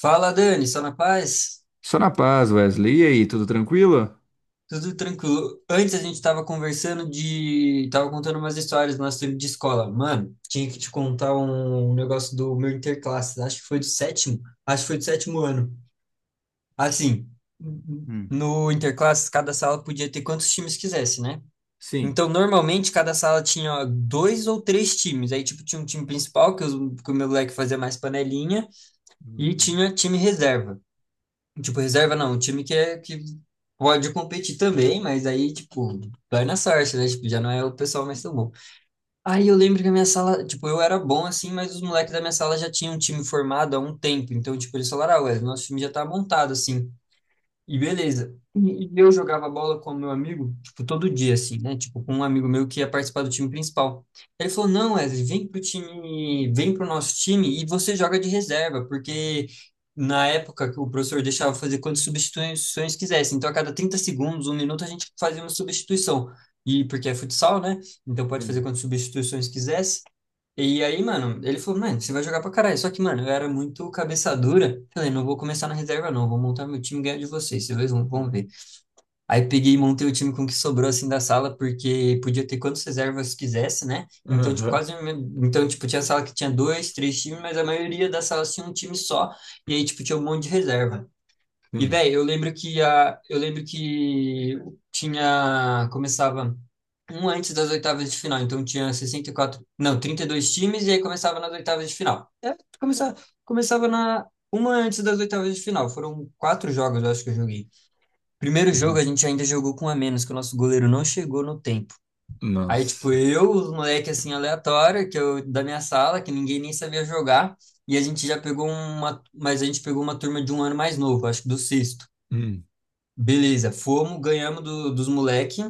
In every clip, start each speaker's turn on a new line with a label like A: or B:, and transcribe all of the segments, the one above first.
A: Fala, Dani, só na paz?
B: Só na paz, Wesley. E aí, tudo tranquilo?
A: Tudo tranquilo. Antes a gente tava conversando de... Tava contando umas histórias do nosso tempo de escola. Mano, tinha que te contar um negócio do meu interclasses. Acho que foi do sétimo. Acho que foi do sétimo ano. Assim,
B: Hum,
A: no interclasses, cada sala podia ter quantos times quisesse, né?
B: sim.
A: Então, normalmente, cada sala tinha dois ou três times. Aí, tipo, tinha um time principal, que, que o meu moleque fazia mais panelinha, e
B: Uhum,
A: tinha time reserva. Tipo, reserva não, um time que pode competir também, mas aí, tipo, vai na sorte, né? Tipo, já não é o pessoal mais tão bom. Aí eu lembro que a minha sala, tipo, eu era bom assim, mas os moleques da minha sala já tinham um time formado há um tempo. Então, tipo, eles falaram, ah, ué, nosso time já tá montado, assim. E beleza. E eu jogava bola com o meu amigo, tipo, todo dia, assim, né? Tipo, com um amigo meu que ia participar do time principal. Ele falou, não, Wesley, vem pro time, vem pro nosso time e você joga de reserva, porque na época que o professor deixava fazer quantas substituições quisesse. Então, a cada 30 segundos, um minuto, a gente fazia uma substituição. E porque é futsal, né? Então pode fazer
B: sim.
A: quantas substituições quisesse. E aí, mano, ele falou, mano, você vai jogar pra caralho. Só que, mano, eu era muito cabeça dura. Falei, não vou começar na reserva, não. Vou montar meu time e ganhar de vocês. Vocês dois vão ver. Aí peguei e montei o time com o que sobrou, assim, da sala, porque podia ter quantas reservas quisesse, né? Então, tipo,
B: Aham,
A: quase... Então, tipo, tinha sala que tinha dois, três times, mas a maioria das salas tinha um time só. E aí, tipo, tinha um monte de reserva. E,
B: sim.
A: velho, eu lembro que tinha, começava um antes das oitavas de final, então tinha 64 não, 32 times e aí começava nas oitavas de final. É, começava, começava na uma antes das oitavas de final. Foram quatro jogos, eu acho que eu joguei. Primeiro jogo
B: Uhum.
A: a gente ainda jogou com um a menos, que o nosso goleiro não chegou no tempo. Aí, tipo,
B: Nossa.
A: eu, os moleque assim aleatório, que eu da minha sala, que ninguém nem sabia jogar, e a gente já pegou uma, mas a gente pegou uma turma de um ano mais novo, acho que do sexto.
B: Hum,
A: Beleza, fomos, ganhamos dos moleque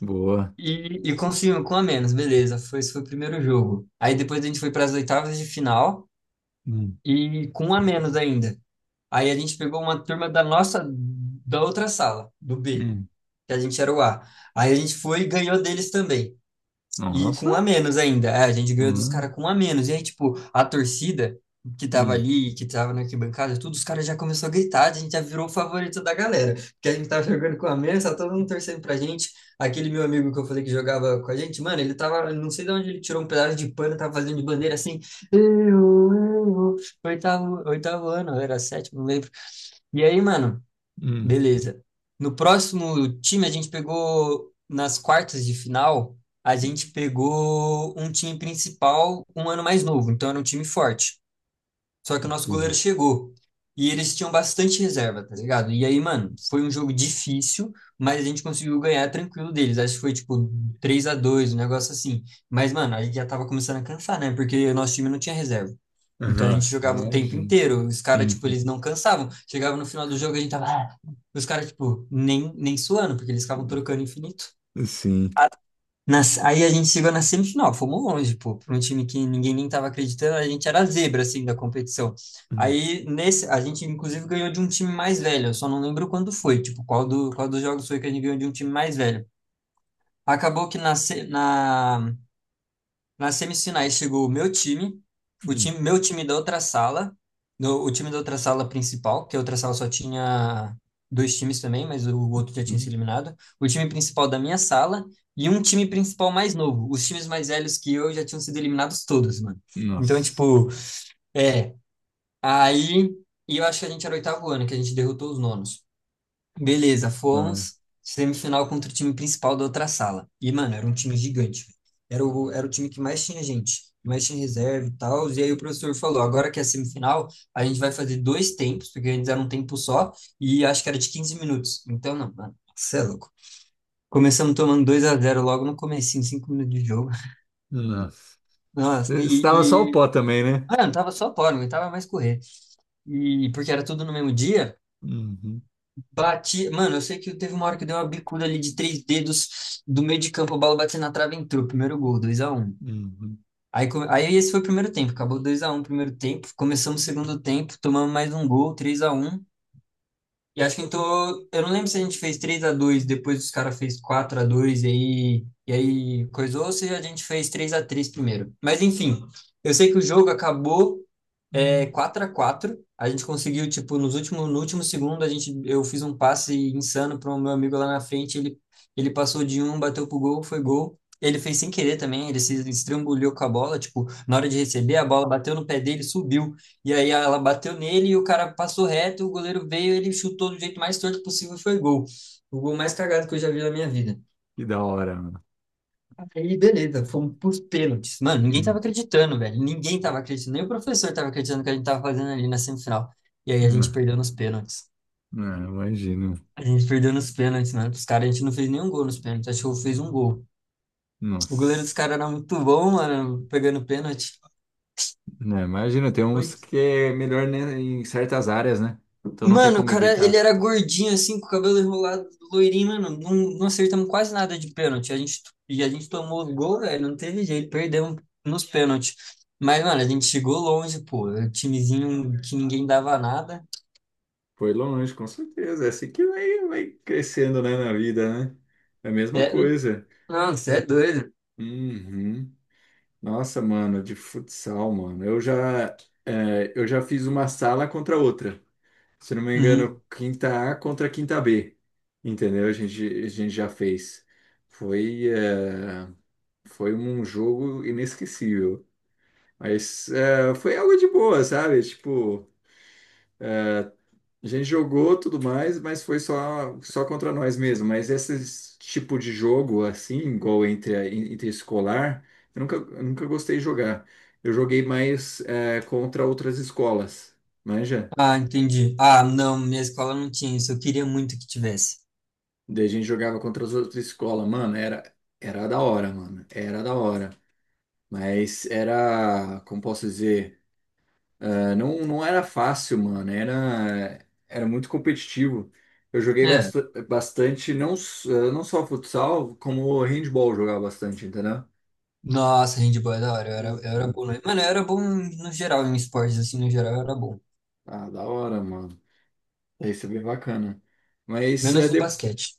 B: Boa.
A: e conseguimos com a menos, beleza. Foi, esse foi o primeiro jogo. Aí depois a gente foi para as oitavas de final
B: Hum,
A: e com um a menos ainda. Aí a gente pegou uma turma da nossa, da outra sala, do B,
B: hum.
A: que a gente era o A. Aí a gente foi e ganhou deles também. E com
B: Nossa,
A: um a menos ainda. É, a gente ganhou dos caras
B: hum,
A: com um a menos. E aí, tipo, a torcida que tava
B: hum,
A: ali, que tava na arquibancada, tudo, os caras já começou a gritar, a gente já virou o favorito da galera. Porque a gente tava jogando com um a menos, tá todo mundo torcendo pra gente. Aquele meu amigo que eu falei que jogava com a gente, mano, ele tava, não sei de onde ele tirou um pedaço de pano, tava fazendo de bandeira assim, eu, eu, oitavo ano, era sétimo, não lembro. E aí, mano,
B: hum.
A: beleza. No próximo time, a gente pegou, nas quartas de final, a gente pegou um time principal um ano mais novo, então era um time forte. Só que o nosso goleiro
B: Entendi.
A: chegou. E eles tinham bastante reserva, tá ligado? E aí, mano, foi um jogo difícil, mas a gente conseguiu ganhar tranquilo deles. Acho que foi tipo 3 a dois, um negócio assim. Mas, mano, a gente já tava começando a cansar, né? Porque o nosso time não tinha reserva. Então a gente
B: Nossa,
A: jogava o tempo
B: imagino.
A: inteiro. Os caras, tipo,
B: Uhum.
A: eles não cansavam. Chegava no final do jogo, a gente tava. Ah, os caras, tipo, nem suando, porque eles ficavam trocando infinito.
B: Sim.
A: Aí a gente chegou na semifinal, fomos longe, pô, para um time que ninguém nem estava acreditando, a gente era a zebra, assim, da competição.
B: Hum,
A: Aí, nesse, a gente, inclusive, ganhou de um time mais velho, eu só não lembro quando foi, tipo, qual, qual dos jogos foi que a gente ganhou de um time mais velho. Acabou que na, se- na, nas semifinais chegou o meu time,
B: hum,
A: meu time da outra sala, o time da outra sala principal, que a outra sala só tinha dois times também, mas o outro já tinha se
B: uhum.
A: eliminado. O time principal da minha sala e um time principal mais novo. Os times mais velhos que eu já tinham sido eliminados todos, mano. Então,
B: Nossa.
A: tipo, é. Aí. E eu acho que a gente era o oitavo ano, que a gente derrotou os nonos. Beleza,
B: Da hora.
A: fomos. Semifinal contra o time principal da outra sala. E, mano, era um time gigante, velho. Era o time que mais tinha gente, mais tinha reserva e tal. E aí o professor falou: agora que é semifinal, a gente vai fazer dois tempos, porque antes era um tempo só, e acho que era de 15 minutos. Então, não, mano, você é louco. Começamos tomando dois a zero logo no comecinho, 5 minutos de jogo.
B: Nossa.
A: Nossa,
B: Eh, estava só o pó também, né?
A: mano, tava só fora, não aguentava mais correr. E porque era tudo no mesmo dia.
B: Uhum,
A: Bati, mano, eu sei que teve uma hora que deu uma bicuda ali de três dedos do meio de campo, a bola bateu na trave e entrou. Primeiro gol, dois a um.
B: uhum.
A: Aí, aí esse foi o primeiro tempo, acabou dois a um o primeiro tempo. Começamos o segundo tempo, tomamos mais um gol, três a um. E acho que então, eu não lembro se a gente fez três a dois depois os caras fez quatro a dois e aí coisou, ou se a gente fez três a três primeiro. Mas enfim, eu sei que o jogo acabou. É 4x4. A quatro. A gente conseguiu, tipo, nos últimos, no último segundo, a gente, eu fiz um passe insano para o meu amigo lá na frente. Ele passou de um, bateu pro gol, foi gol. Ele fez sem querer também, ele se estrambulhou com a bola. Tipo, na hora de receber, a bola bateu no pé dele, subiu. E aí ela bateu nele e o cara passou reto. O goleiro veio, ele chutou do jeito mais torto possível, foi gol. O gol mais cagado que eu já vi na minha vida.
B: Que da hora, mano.
A: Aí, beleza, fomos pros pênaltis. Mano, ninguém tava
B: Hum.
A: acreditando, velho. Ninguém tava acreditando. Nem o professor tava acreditando que a gente tava fazendo ali na semifinal. E aí a gente
B: Não,
A: perdeu nos pênaltis.
B: não, imagino.
A: A gente perdeu nos pênaltis, mano. Os caras, a gente não fez nenhum gol nos pênaltis. Acho que eu fiz um gol. O goleiro dos
B: Nossa,
A: caras era muito bom, mano, pegando pênalti.
B: né, imagina, tem uns que é melhor, né, em certas áreas, né? Então não tem
A: Mano, o
B: como
A: cara, ele
B: evitar.
A: era gordinho assim, com o cabelo enrolado, loirinho, mano. Não, não acertamos quase nada de pênalti. A gente, e a gente tomou o gol, velho. Não teve jeito, perdemos nos pênaltis. Mas, mano, a gente chegou longe, pô. Era um timezinho que ninguém dava nada.
B: Foi longe, com certeza. É assim que vai crescendo, né, na vida, né? É a mesma
A: É,
B: coisa.
A: não, você é doido.
B: Uhum. Nossa, mano, de futsal, mano. Eu já fiz uma sala contra outra. Se não me
A: Uhum.
B: engano, quinta A contra quinta B. Entendeu? A gente já fez. Foi, é, foi um jogo inesquecível. Foi algo de boa, sabe? Tipo, a gente jogou tudo mais, mas foi só contra nós mesmo. Mas esse tipo de jogo, assim, igual entre escolar, eu nunca gostei de jogar. Eu joguei mais é, contra outras escolas, manja?
A: Ah, entendi. Ah, não, minha escola não tinha isso. Eu queria muito que tivesse.
B: Daí a gente jogava contra as outras escolas. Mano, era da hora, mano. Era da hora. Mas era, como posso dizer? Ah, não, não era fácil, mano. Era muito competitivo. Eu joguei
A: É.
B: bastante, não só futsal, como handball eu jogava bastante, entendeu?
A: Nossa, handball é da hora. Eu era
B: Uhum.
A: bom. Mano, eu era bom no geral, em esportes, assim, no geral, eu era bom.
B: Ah, da hora, mano. Isso é bem bacana. Mas é
A: Menos no
B: de-
A: basquete.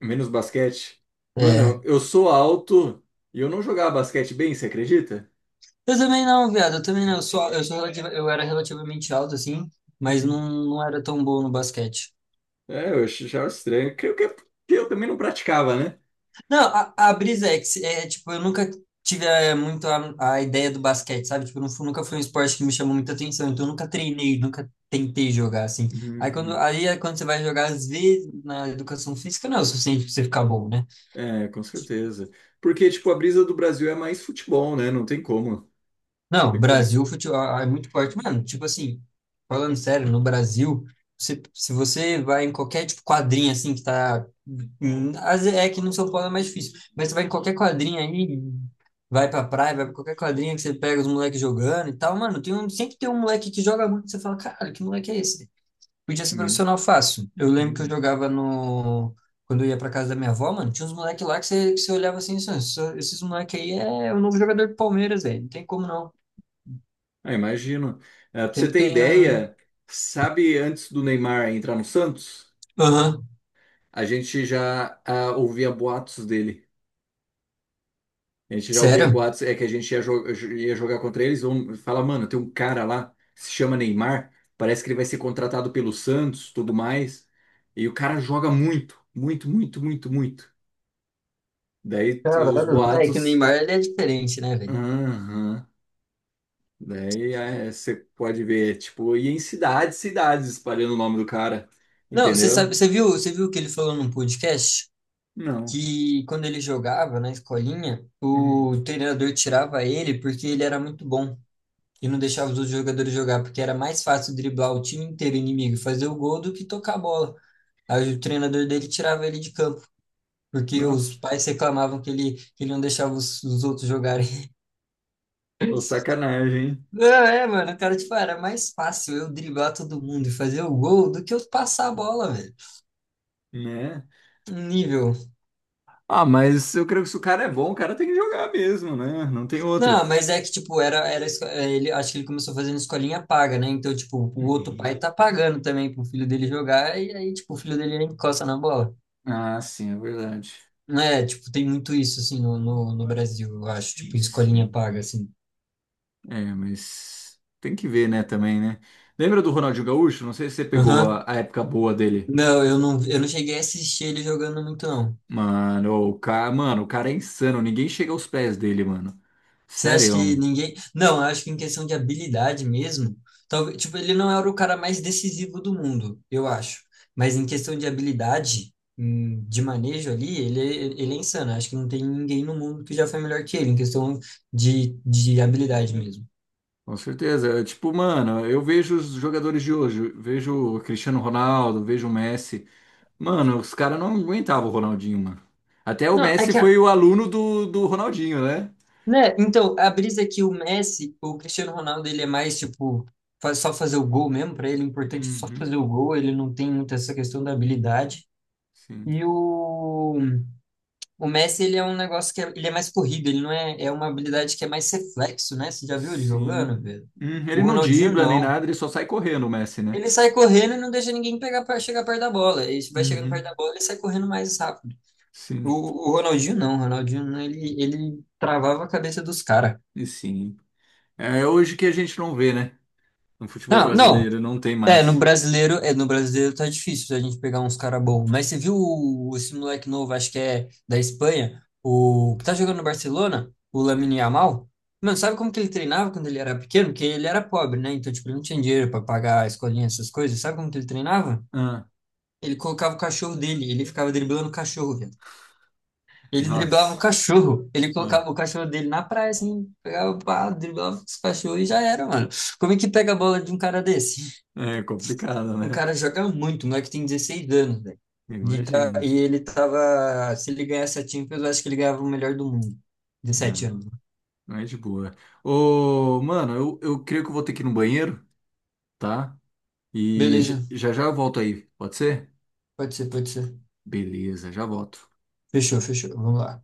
B: menos basquete. Mano,
A: É.
B: eu sou alto e eu não jogava basquete bem, você acredita?
A: Eu também não, viado. Eu também não. Eu era relativamente alto, assim, mas
B: Hum.
A: não, não era tão bom no basquete.
B: É, eu achava estranho. Creio que é porque eu também não praticava, né?
A: Não, a brisa é que, é, é, tipo, eu nunca tive é, a ideia do basquete, sabe? Tipo, nunca foi um esporte que me chamou muita atenção, então eu nunca treinei, nunca tentei jogar, assim.
B: Uhum.
A: Aí é quando você vai jogar, às vezes, na educação física, não é o suficiente pra você ficar bom, né?
B: É, com certeza. Porque, tipo, a brisa do Brasil é mais futebol, né? Não tem como. Não
A: Não,
B: tem como,
A: Brasil, futebol é muito forte. Mano, tipo assim, falando sério, no Brasil, se você vai em qualquer tipo quadrinha assim que tá. Hum, às vezes é que no São Paulo é mais difícil, mas você vai em qualquer quadrinha aí, vai pra praia, vai pra qualquer quadrinha que você pega os moleques jogando e tal, mano, tem um, sempre tem um moleque que joga muito, você fala, cara, que moleque é esse? Podia ser
B: né?
A: profissional fácil. Eu lembro que eu
B: Hum.
A: jogava no. Quando eu ia pra casa da minha avó, mano, tinha uns moleques lá que você olhava assim, esses moleques aí é o novo jogador do Palmeiras, velho. Não tem como não.
B: Ah, imagino. É, pra você
A: Sempre
B: ter
A: tem um.
B: ideia, sabe, antes do Neymar entrar no Santos,
A: Aham.
B: a gente já ouvia boatos dele. A gente já ouvia
A: Sério?
B: boatos, é que a gente ia jogar contra eles. Vamos falar, mano, tem um cara lá, se chama Neymar, parece que ele vai ser contratado pelo Santos, tudo mais. E o cara joga muito, muito, muito, muito, muito. Daí os
A: Caralho. É que o
B: boatos.
A: Neymar ele é diferente, né, velho?
B: Aham. Daí é, você pode ver, tipo, e em cidades, cidades espalhando o nome do cara,
A: Não, você
B: entendeu?
A: sabe, você viu que ele falou num podcast
B: Não.
A: que quando ele jogava na escolinha,
B: Hum.
A: o treinador tirava ele porque ele era muito bom e não deixava os outros jogadores jogar, porque era mais fácil driblar o time inteiro inimigo e fazer o gol do que tocar a bola. Aí o treinador dele tirava ele de campo, porque os
B: Nossa,
A: pais reclamavam que ele não deixava os outros jogarem.
B: ô sacanagem, hein?
A: Não, é, mano, cara, tipo, era mais fácil eu driblar todo mundo e fazer o gol do que eu passar a bola, velho.
B: Né?
A: Nível.
B: Ah, mas eu creio que se o cara é bom, o cara tem que jogar mesmo, né? Não tem outra.
A: Não, mas é que, tipo, é, ele, acho que ele começou fazendo escolinha paga, né? Então, tipo, o outro pai
B: Uhum.
A: tá pagando também pro filho dele jogar e aí, tipo, o filho dele encosta na bola.
B: Ah, sim, é verdade.
A: É, tipo, tem muito isso, assim, no Brasil, eu acho, tipo, escolinha
B: Sim.
A: paga, assim.
B: É, mas tem que ver, né, também, né? Lembra do Ronaldinho Gaúcho? Não sei se você pegou
A: Aham.
B: a época boa dele.
A: Não, eu não cheguei a assistir ele jogando muito, não.
B: Mano, o cara é insano, ninguém chega aos pés dele, mano.
A: Você acha que
B: Sério,
A: ninguém. Não, eu acho que em questão de habilidade mesmo, talvez, tipo, ele não era o cara mais decisivo do mundo, eu acho. Mas em questão de habilidade, de manejo ali, ele é insano. Eu acho que não tem ninguém no mundo que já foi melhor que ele, em questão de habilidade mesmo.
B: com certeza. Tipo, mano, eu vejo os jogadores de hoje, eu vejo o Cristiano Ronaldo, vejo o Messi. Mano, os caras não aguentavam o Ronaldinho, mano. Até o
A: Não, é
B: Messi
A: que, a-
B: foi o aluno do Ronaldinho, né?
A: Né? Então, a brisa é que o Messi, o Cristiano Ronaldo, ele é mais, tipo, faz só fazer o gol mesmo, pra ele, o importante é só
B: Uhum,
A: fazer o gol, ele não tem muito essa questão da habilidade.
B: sim,
A: E o O Messi, ele é um negócio que é, ele é mais corrido, ele não é, é uma habilidade que é mais reflexo, né? Você já viu ele
B: sim.
A: jogando, velho?
B: Ele
A: O
B: não
A: Ronaldinho
B: dribla nem
A: não.
B: nada, ele só sai correndo, o Messi, né?
A: Ele sai correndo e não deixa ninguém pegar para chegar perto da bola. Ele vai chegando
B: Uhum,
A: perto da bola, e sai correndo mais rápido.
B: sim,
A: O Ronaldinho não, o Ronaldinho não, ele travava a cabeça dos caras.
B: e sim. É hoje que a gente não vê, né? No futebol
A: Não, não,
B: brasileiro, não tem
A: é, no
B: mais.
A: brasileiro, é, no brasileiro tá difícil a gente pegar uns cara bom. Mas você viu esse moleque novo, acho que é da Espanha, o que tá jogando no Barcelona, o Lamine Yamal? Mano, sabe como que ele treinava quando ele era pequeno? Porque ele era pobre, né? Então, tipo, ele não tinha dinheiro pra pagar a escolinha, essas coisas. Sabe como que ele treinava?
B: Ah.
A: Ele colocava o cachorro dele, ele ficava driblando o cachorro, velho. Ele driblava o
B: Nossa,
A: cachorro, ele
B: ah,
A: colocava o cachorro dele na praia, assim, pegava, pá, driblava os cachorros e já era, mano. Como é que pega a bola de um cara desse?
B: é complicado,
A: O
B: né?
A: cara joga muito, o moleque tem 16 anos, velho. E, tá,
B: Imagino.
A: e ele tava. Se ele ganhasse a Champions, eu acho que ele ganhava o melhor do mundo.
B: Ah,
A: 17 anos. Né?
B: não é de boa. Ô, mano, eu creio que eu vou ter que ir no banheiro, tá? E
A: Beleza,
B: já já eu volto aí, pode ser?
A: pode ser, pode ser.
B: Beleza, já volto.
A: Fechou, fechou. Vamos lá.